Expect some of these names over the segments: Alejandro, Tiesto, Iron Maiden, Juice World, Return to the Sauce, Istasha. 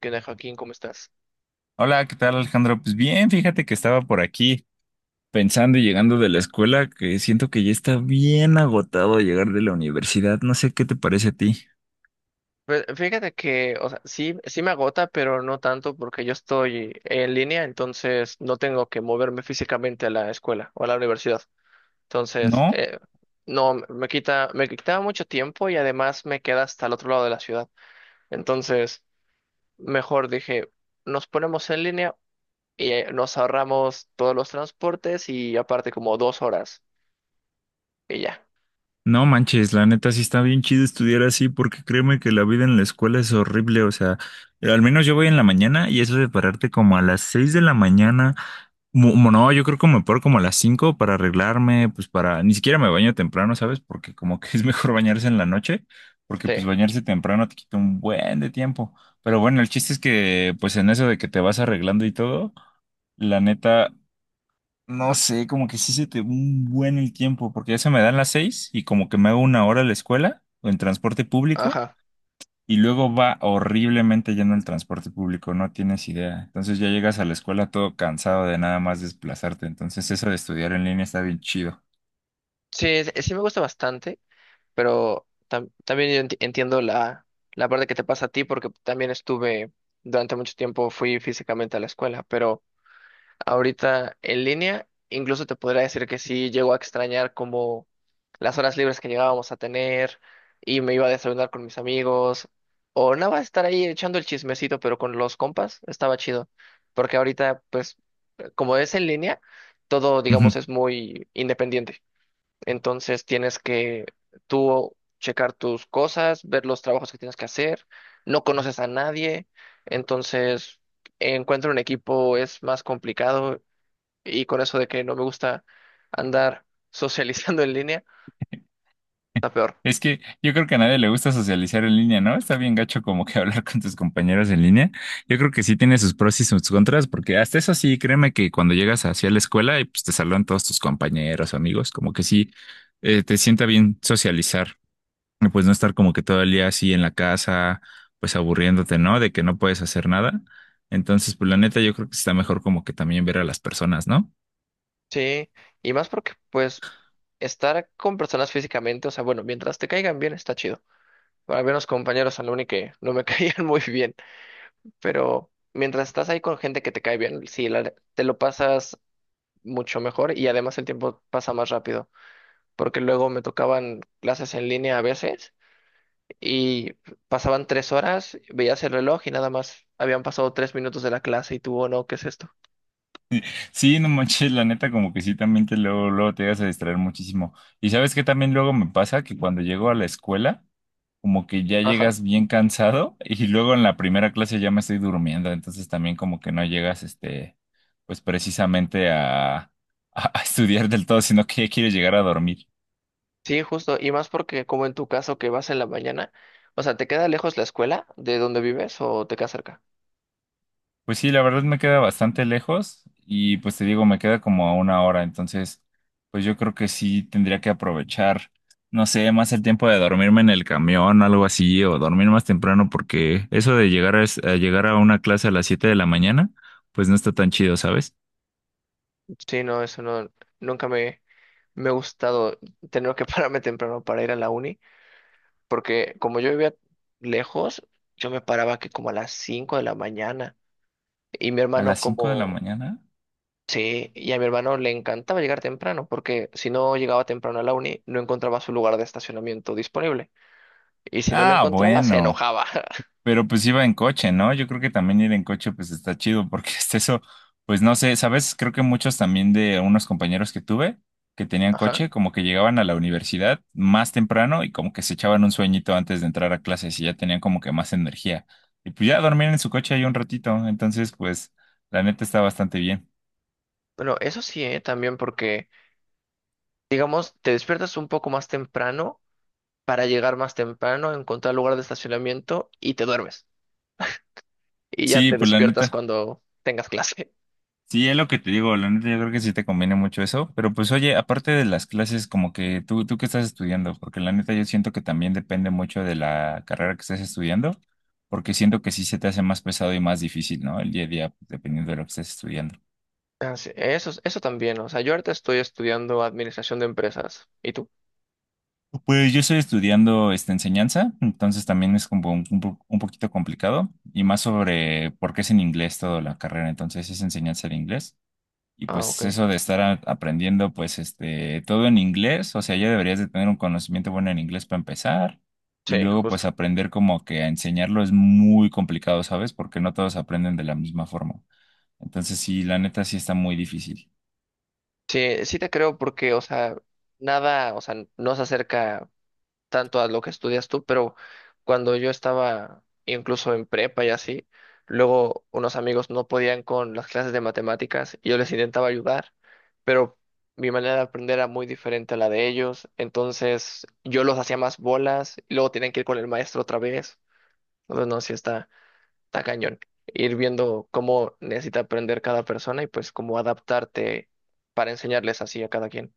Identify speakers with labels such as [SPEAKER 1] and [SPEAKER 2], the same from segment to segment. [SPEAKER 1] ¿Qué onda, Joaquín? ¿Cómo estás?
[SPEAKER 2] Hola, ¿qué tal Alejandro? Pues bien, fíjate que estaba por aquí pensando y llegando de la escuela que siento que ya está bien agotado llegar de la universidad. No sé qué te parece a ti.
[SPEAKER 1] Pues fíjate que, o sea, sí, sí, me agota, pero no tanto porque yo estoy en línea, entonces no tengo que moverme físicamente a la escuela o a la universidad. Entonces,
[SPEAKER 2] ¿No?
[SPEAKER 1] no, me quitaba mucho tiempo y además me queda hasta el otro lado de la ciudad. Entonces, mejor dije, nos ponemos en línea y nos ahorramos todos los transportes y aparte como 2 horas y ya.
[SPEAKER 2] No manches, la neta sí está bien chido estudiar así porque créeme que la vida en la escuela es horrible, o sea, al menos yo voy en la mañana y eso de pararte como a las 6 de la mañana. No, yo creo que me paro como a las 5 para arreglarme, pues ni siquiera me baño temprano, ¿sabes? Porque como que es mejor bañarse en la noche, porque
[SPEAKER 1] Sí,
[SPEAKER 2] pues bañarse temprano te quita un buen de tiempo. Pero bueno, el chiste es que pues en eso de que te vas arreglando y todo, la neta, no sé, como que sí se te va un buen el tiempo, porque ya se me dan las 6 y como que me hago una hora a la escuela o en transporte público.
[SPEAKER 1] ajá.
[SPEAKER 2] Y luego va horriblemente lleno el transporte público, no tienes idea. Entonces ya llegas a la escuela todo cansado de nada más desplazarte. Entonces eso de estudiar en línea está bien chido.
[SPEAKER 1] Sí, sí, me gusta bastante. Pero también yo entiendo la parte que te pasa a ti porque también estuve, durante mucho tiempo fui físicamente a la escuela, pero ahorita en línea incluso te podría decir que sí llego a extrañar como las horas libres que llegábamos a tener y me iba a desayunar con mis amigos o nada más estar ahí echando el chismecito, pero con los compas estaba chido porque ahorita pues, como es en línea, todo digamos es muy independiente. Entonces tienes que tú checar tus cosas, ver los trabajos que tienes que hacer. No conoces a nadie, entonces encuentro un equipo es más complicado, y con eso de que no me gusta andar socializando en línea, está peor.
[SPEAKER 2] Es que yo creo que a nadie le gusta socializar en línea, ¿no? Está bien gacho como que hablar con tus compañeros en línea. Yo creo que sí tiene sus pros y sus contras, porque hasta eso sí, créeme que cuando llegas hacia la escuela y pues te saludan todos tus compañeros, amigos, como que sí, te sienta bien socializar. Y pues no estar como que todo el día así en la casa, pues aburriéndote, ¿no? De que no puedes hacer nada. Entonces, pues la neta, yo creo que está mejor como que también ver a las personas, ¿no?
[SPEAKER 1] Sí, y más porque pues, estar con personas físicamente, o sea, bueno, mientras te caigan bien está chido. Para ver los compañeros al uni que no me caían muy bien, pero mientras estás ahí con gente que te cae bien, sí, te lo pasas mucho mejor, y además el tiempo pasa más rápido, porque luego me tocaban clases en línea a veces y pasaban 3 horas, veías el reloj y nada más habían pasado 3 minutos de la clase y tú, oh no, ¿qué es esto?
[SPEAKER 2] Sí, no manches, la neta, como que sí, también te luego, luego te llegas a distraer muchísimo. Y sabes que también luego me pasa que cuando llego a la escuela, como que ya
[SPEAKER 1] Ajá.
[SPEAKER 2] llegas bien cansado y luego en la primera clase ya me estoy durmiendo, entonces también como que no llegas, este, pues precisamente a estudiar del todo, sino que ya quieres llegar a dormir.
[SPEAKER 1] Sí, justo, y más porque como en tu caso que vas en la mañana, o sea, ¿te queda lejos la escuela de donde vives o te queda cerca?
[SPEAKER 2] Pues sí, la verdad me queda bastante lejos y pues te digo, me queda como a una hora, entonces pues yo creo que sí tendría que aprovechar, no sé, más el tiempo de dormirme en el camión o algo así, o dormir más temprano porque eso de a llegar a una clase a las 7 de la mañana, pues no está tan chido, ¿sabes?
[SPEAKER 1] Sí, no, eso no, nunca me, me ha gustado tener que pararme temprano para ir a la uni, porque como yo vivía lejos, yo me paraba que como a las 5 de la mañana. Y mi
[SPEAKER 2] ¿A
[SPEAKER 1] hermano
[SPEAKER 2] las 5 de la
[SPEAKER 1] como,
[SPEAKER 2] mañana?
[SPEAKER 1] sí, y a mi hermano le encantaba llegar temprano, porque si no llegaba temprano a la uni, no encontraba su lugar de estacionamiento disponible. Y si no lo
[SPEAKER 2] Ah,
[SPEAKER 1] encontraba, se
[SPEAKER 2] bueno.
[SPEAKER 1] enojaba.
[SPEAKER 2] Pero pues iba en coche, ¿no? Yo creo que también ir en coche pues está chido porque este eso, pues no sé, ¿sabes? Creo que muchos también de unos compañeros que tuve que tenían
[SPEAKER 1] Ajá.
[SPEAKER 2] coche, como que llegaban a la universidad más temprano y como que se echaban un sueñito antes de entrar a clases y ya tenían como que más energía. Y pues ya dormían en su coche ahí un ratito, entonces pues la neta está bastante bien.
[SPEAKER 1] Bueno, eso sí, ¿eh? También porque, digamos, te despiertas un poco más temprano para llegar más temprano, encontrar lugar de estacionamiento y te duermes. Y ya
[SPEAKER 2] Sí,
[SPEAKER 1] te
[SPEAKER 2] pues la
[SPEAKER 1] despiertas
[SPEAKER 2] neta.
[SPEAKER 1] cuando tengas clase.
[SPEAKER 2] Sí, es lo que te digo, la neta yo creo que sí te conviene mucho eso, pero pues oye, aparte de las clases, como que tú qué estás estudiando, porque la neta yo siento que también depende mucho de la carrera que estés estudiando, porque siento que sí se te hace más pesado y más difícil, ¿no? El día a día, dependiendo de lo que estés estudiando.
[SPEAKER 1] Ah, sí, eso también, o sea, yo ahorita estoy estudiando administración de empresas. ¿Y tú?
[SPEAKER 2] Pues yo estoy estudiando esta enseñanza, entonces también es como un, un poquito complicado, y más sobre por qué es en inglés toda la carrera, entonces es enseñanza de inglés. Y
[SPEAKER 1] Ah,
[SPEAKER 2] pues
[SPEAKER 1] ok.
[SPEAKER 2] eso de estar aprendiendo pues este todo en inglés, o sea, ya deberías de tener un conocimiento bueno en inglés para empezar y
[SPEAKER 1] Sí,
[SPEAKER 2] luego
[SPEAKER 1] justo.
[SPEAKER 2] pues aprender como que a enseñarlo es muy complicado, ¿sabes? Porque no todos aprenden de la misma forma. Entonces sí, la neta sí está muy difícil.
[SPEAKER 1] Sí, sí te creo porque, o sea, nada, o sea, no se acerca tanto a lo que estudias tú, pero cuando yo estaba incluso en prepa y así, luego unos amigos no podían con las clases de matemáticas y yo les intentaba ayudar, pero mi manera de aprender era muy diferente a la de ellos, entonces yo los hacía más bolas y luego tenían que ir con el maestro otra vez. Entonces, no, sí, está cañón. Ir viendo cómo necesita aprender cada persona y pues cómo adaptarte para enseñarles así a cada quien.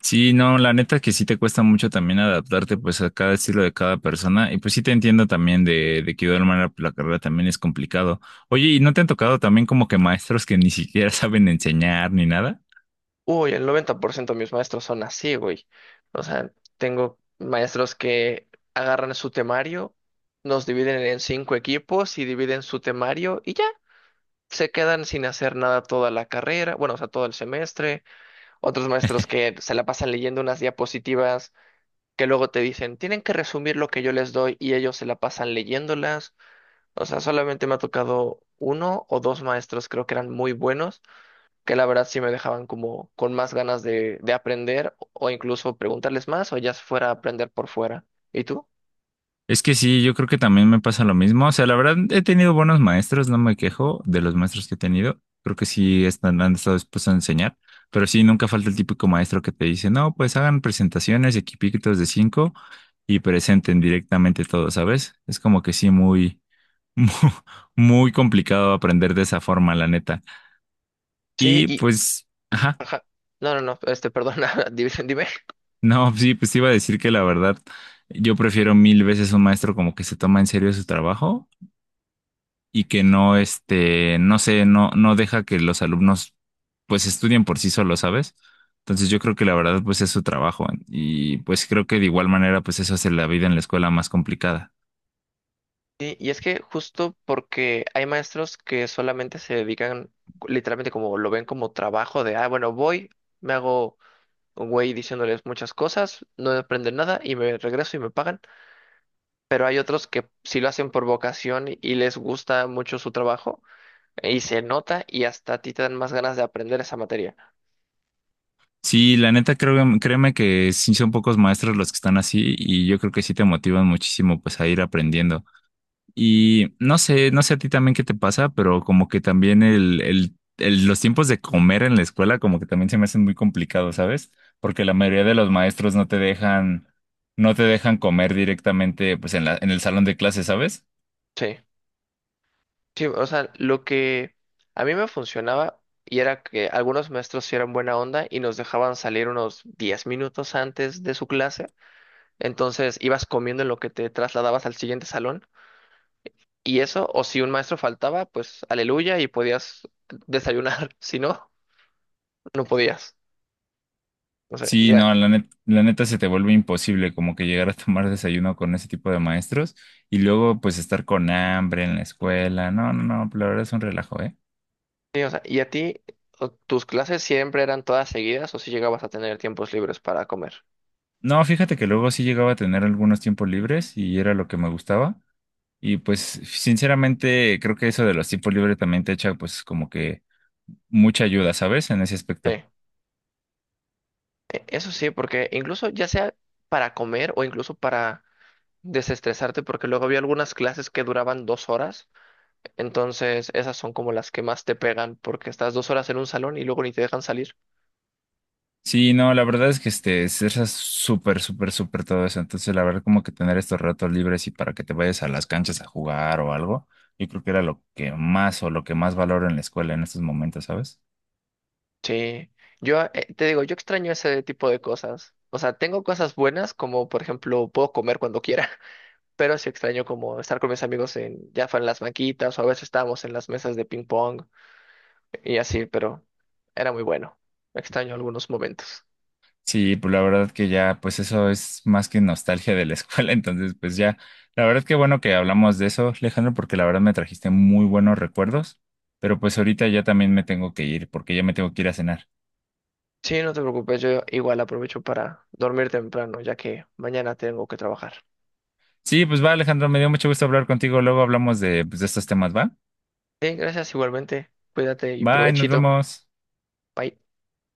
[SPEAKER 2] Sí, no, la neta que sí te cuesta mucho también adaptarte pues a cada estilo de cada persona y pues sí te entiendo también de que de alguna manera la carrera también es complicado. Oye, ¿y no te han tocado también como que maestros que ni siquiera saben enseñar ni nada?
[SPEAKER 1] Uy, el 90% de mis maestros son así, güey. O sea, tengo maestros que agarran su temario, nos dividen en 5 equipos y dividen su temario y ya. Se quedan sin hacer nada toda la carrera, bueno, o sea, todo el semestre. Otros maestros que se la pasan leyendo unas diapositivas que luego te dicen, tienen que resumir lo que yo les doy y ellos se la pasan leyéndolas. O sea, solamente me ha tocado uno o dos maestros, creo que eran muy buenos, que la verdad sí me dejaban como con más ganas de aprender o incluso preguntarles más o ya fuera a aprender por fuera. ¿Y tú?
[SPEAKER 2] Es que sí, yo creo que también me pasa lo mismo. O sea, la verdad, he tenido buenos maestros, no me quejo de los maestros que he tenido. Creo que sí están, han estado dispuestos a enseñar, pero sí, nunca falta el típico maestro que te dice, no, pues hagan presentaciones, equipitos de cinco y presenten directamente todo, ¿sabes? Es como que sí, muy, muy, muy complicado aprender de esa forma, la neta.
[SPEAKER 1] Sí,
[SPEAKER 2] Y
[SPEAKER 1] y...
[SPEAKER 2] pues, ajá,
[SPEAKER 1] Ajá. No, no, no, este, perdona, dime.
[SPEAKER 2] no, sí, pues te iba a decir que la verdad, yo prefiero mil veces un maestro como que se toma en serio su trabajo y que no, este, no sé, no, no deja que los alumnos pues estudien por sí solos, ¿sabes? Entonces yo creo que la verdad pues es su trabajo y pues creo que de igual manera pues eso hace la vida en la escuela más complicada.
[SPEAKER 1] Sí, y es que justo porque hay maestros que solamente se dedican, literalmente como lo ven como trabajo de, ah, bueno, voy, me hago un güey diciéndoles muchas cosas, no aprenden nada y me regreso y me pagan. Pero hay otros que sí lo hacen por vocación y les gusta mucho su trabajo, y se nota y hasta a ti te dan más ganas de aprender esa materia.
[SPEAKER 2] Sí, la neta creo, créeme que sí son pocos maestros los que están así y yo creo que sí te motivan muchísimo pues a ir aprendiendo. Y no sé, no sé a ti también qué te pasa, pero como que también los tiempos de comer en la escuela como que también se me hacen muy complicados, ¿sabes? Porque la mayoría de los maestros no te dejan, comer directamente pues en el salón de clase, ¿sabes?
[SPEAKER 1] Sí, sí, o sea, lo que a mí me funcionaba y era que algunos maestros sí eran buena onda y nos dejaban salir unos 10 minutos antes de su clase, entonces ibas comiendo en lo que te trasladabas al siguiente salón y eso, o si un maestro faltaba, pues aleluya y podías desayunar, si no, no podías. O sea,
[SPEAKER 2] Sí, no,
[SPEAKER 1] ya-
[SPEAKER 2] la neta se te vuelve imposible como que llegar a tomar desayuno con ese tipo de maestros y luego pues estar con hambre en la escuela. No, no, no, la verdad es un relajo, ¿eh?
[SPEAKER 1] Sí, o sea, ¿y a ti, o- tus clases siempre eran todas seguidas o si llegabas a tener tiempos libres para comer?
[SPEAKER 2] No, fíjate que luego sí llegaba a tener algunos tiempos libres y era lo que me gustaba. Y pues sinceramente creo que eso de los tiempos libres también te echa pues como que mucha ayuda, ¿sabes? En ese aspecto.
[SPEAKER 1] Sí. E- Eso sí, porque incluso ya sea para comer o incluso para desestresarte, porque luego había algunas clases que duraban 2 horas, entonces esas son como las que más te pegan, porque estás 2 horas en un salón y luego ni te dejan salir.
[SPEAKER 2] Sí, no, la verdad es que este, es súper, súper, súper todo eso. Entonces, la verdad, como que tener estos ratos libres y para que te vayas a las canchas a jugar o algo, yo creo que era lo que más o lo que más valoro en la escuela en estos momentos, ¿sabes?
[SPEAKER 1] Sí, yo te digo, yo extraño ese tipo de cosas. O sea, tengo cosas buenas como, por ejemplo, puedo comer cuando quiera. Pero sí extraño como estar con mis amigos en, ya fue en las banquitas o a veces estábamos en las mesas de ping pong y así, pero era muy bueno. Extraño algunos momentos.
[SPEAKER 2] Sí, pues la verdad que ya, pues eso es más que nostalgia de la escuela, entonces pues ya, la verdad que bueno que hablamos de eso, Alejandro, porque la verdad me trajiste muy buenos recuerdos, pero pues ahorita ya también me tengo que ir, porque ya me tengo que ir a cenar.
[SPEAKER 1] Sí, no te preocupes, yo igual aprovecho para dormir temprano, ya que mañana tengo que trabajar.
[SPEAKER 2] Sí, pues va, Alejandro, me dio mucho gusto hablar contigo, luego hablamos de, pues, de estos temas, ¿va?
[SPEAKER 1] Sí, gracias igualmente. Cuídate y
[SPEAKER 2] Bye, nos
[SPEAKER 1] provechito.
[SPEAKER 2] vemos.
[SPEAKER 1] Bye.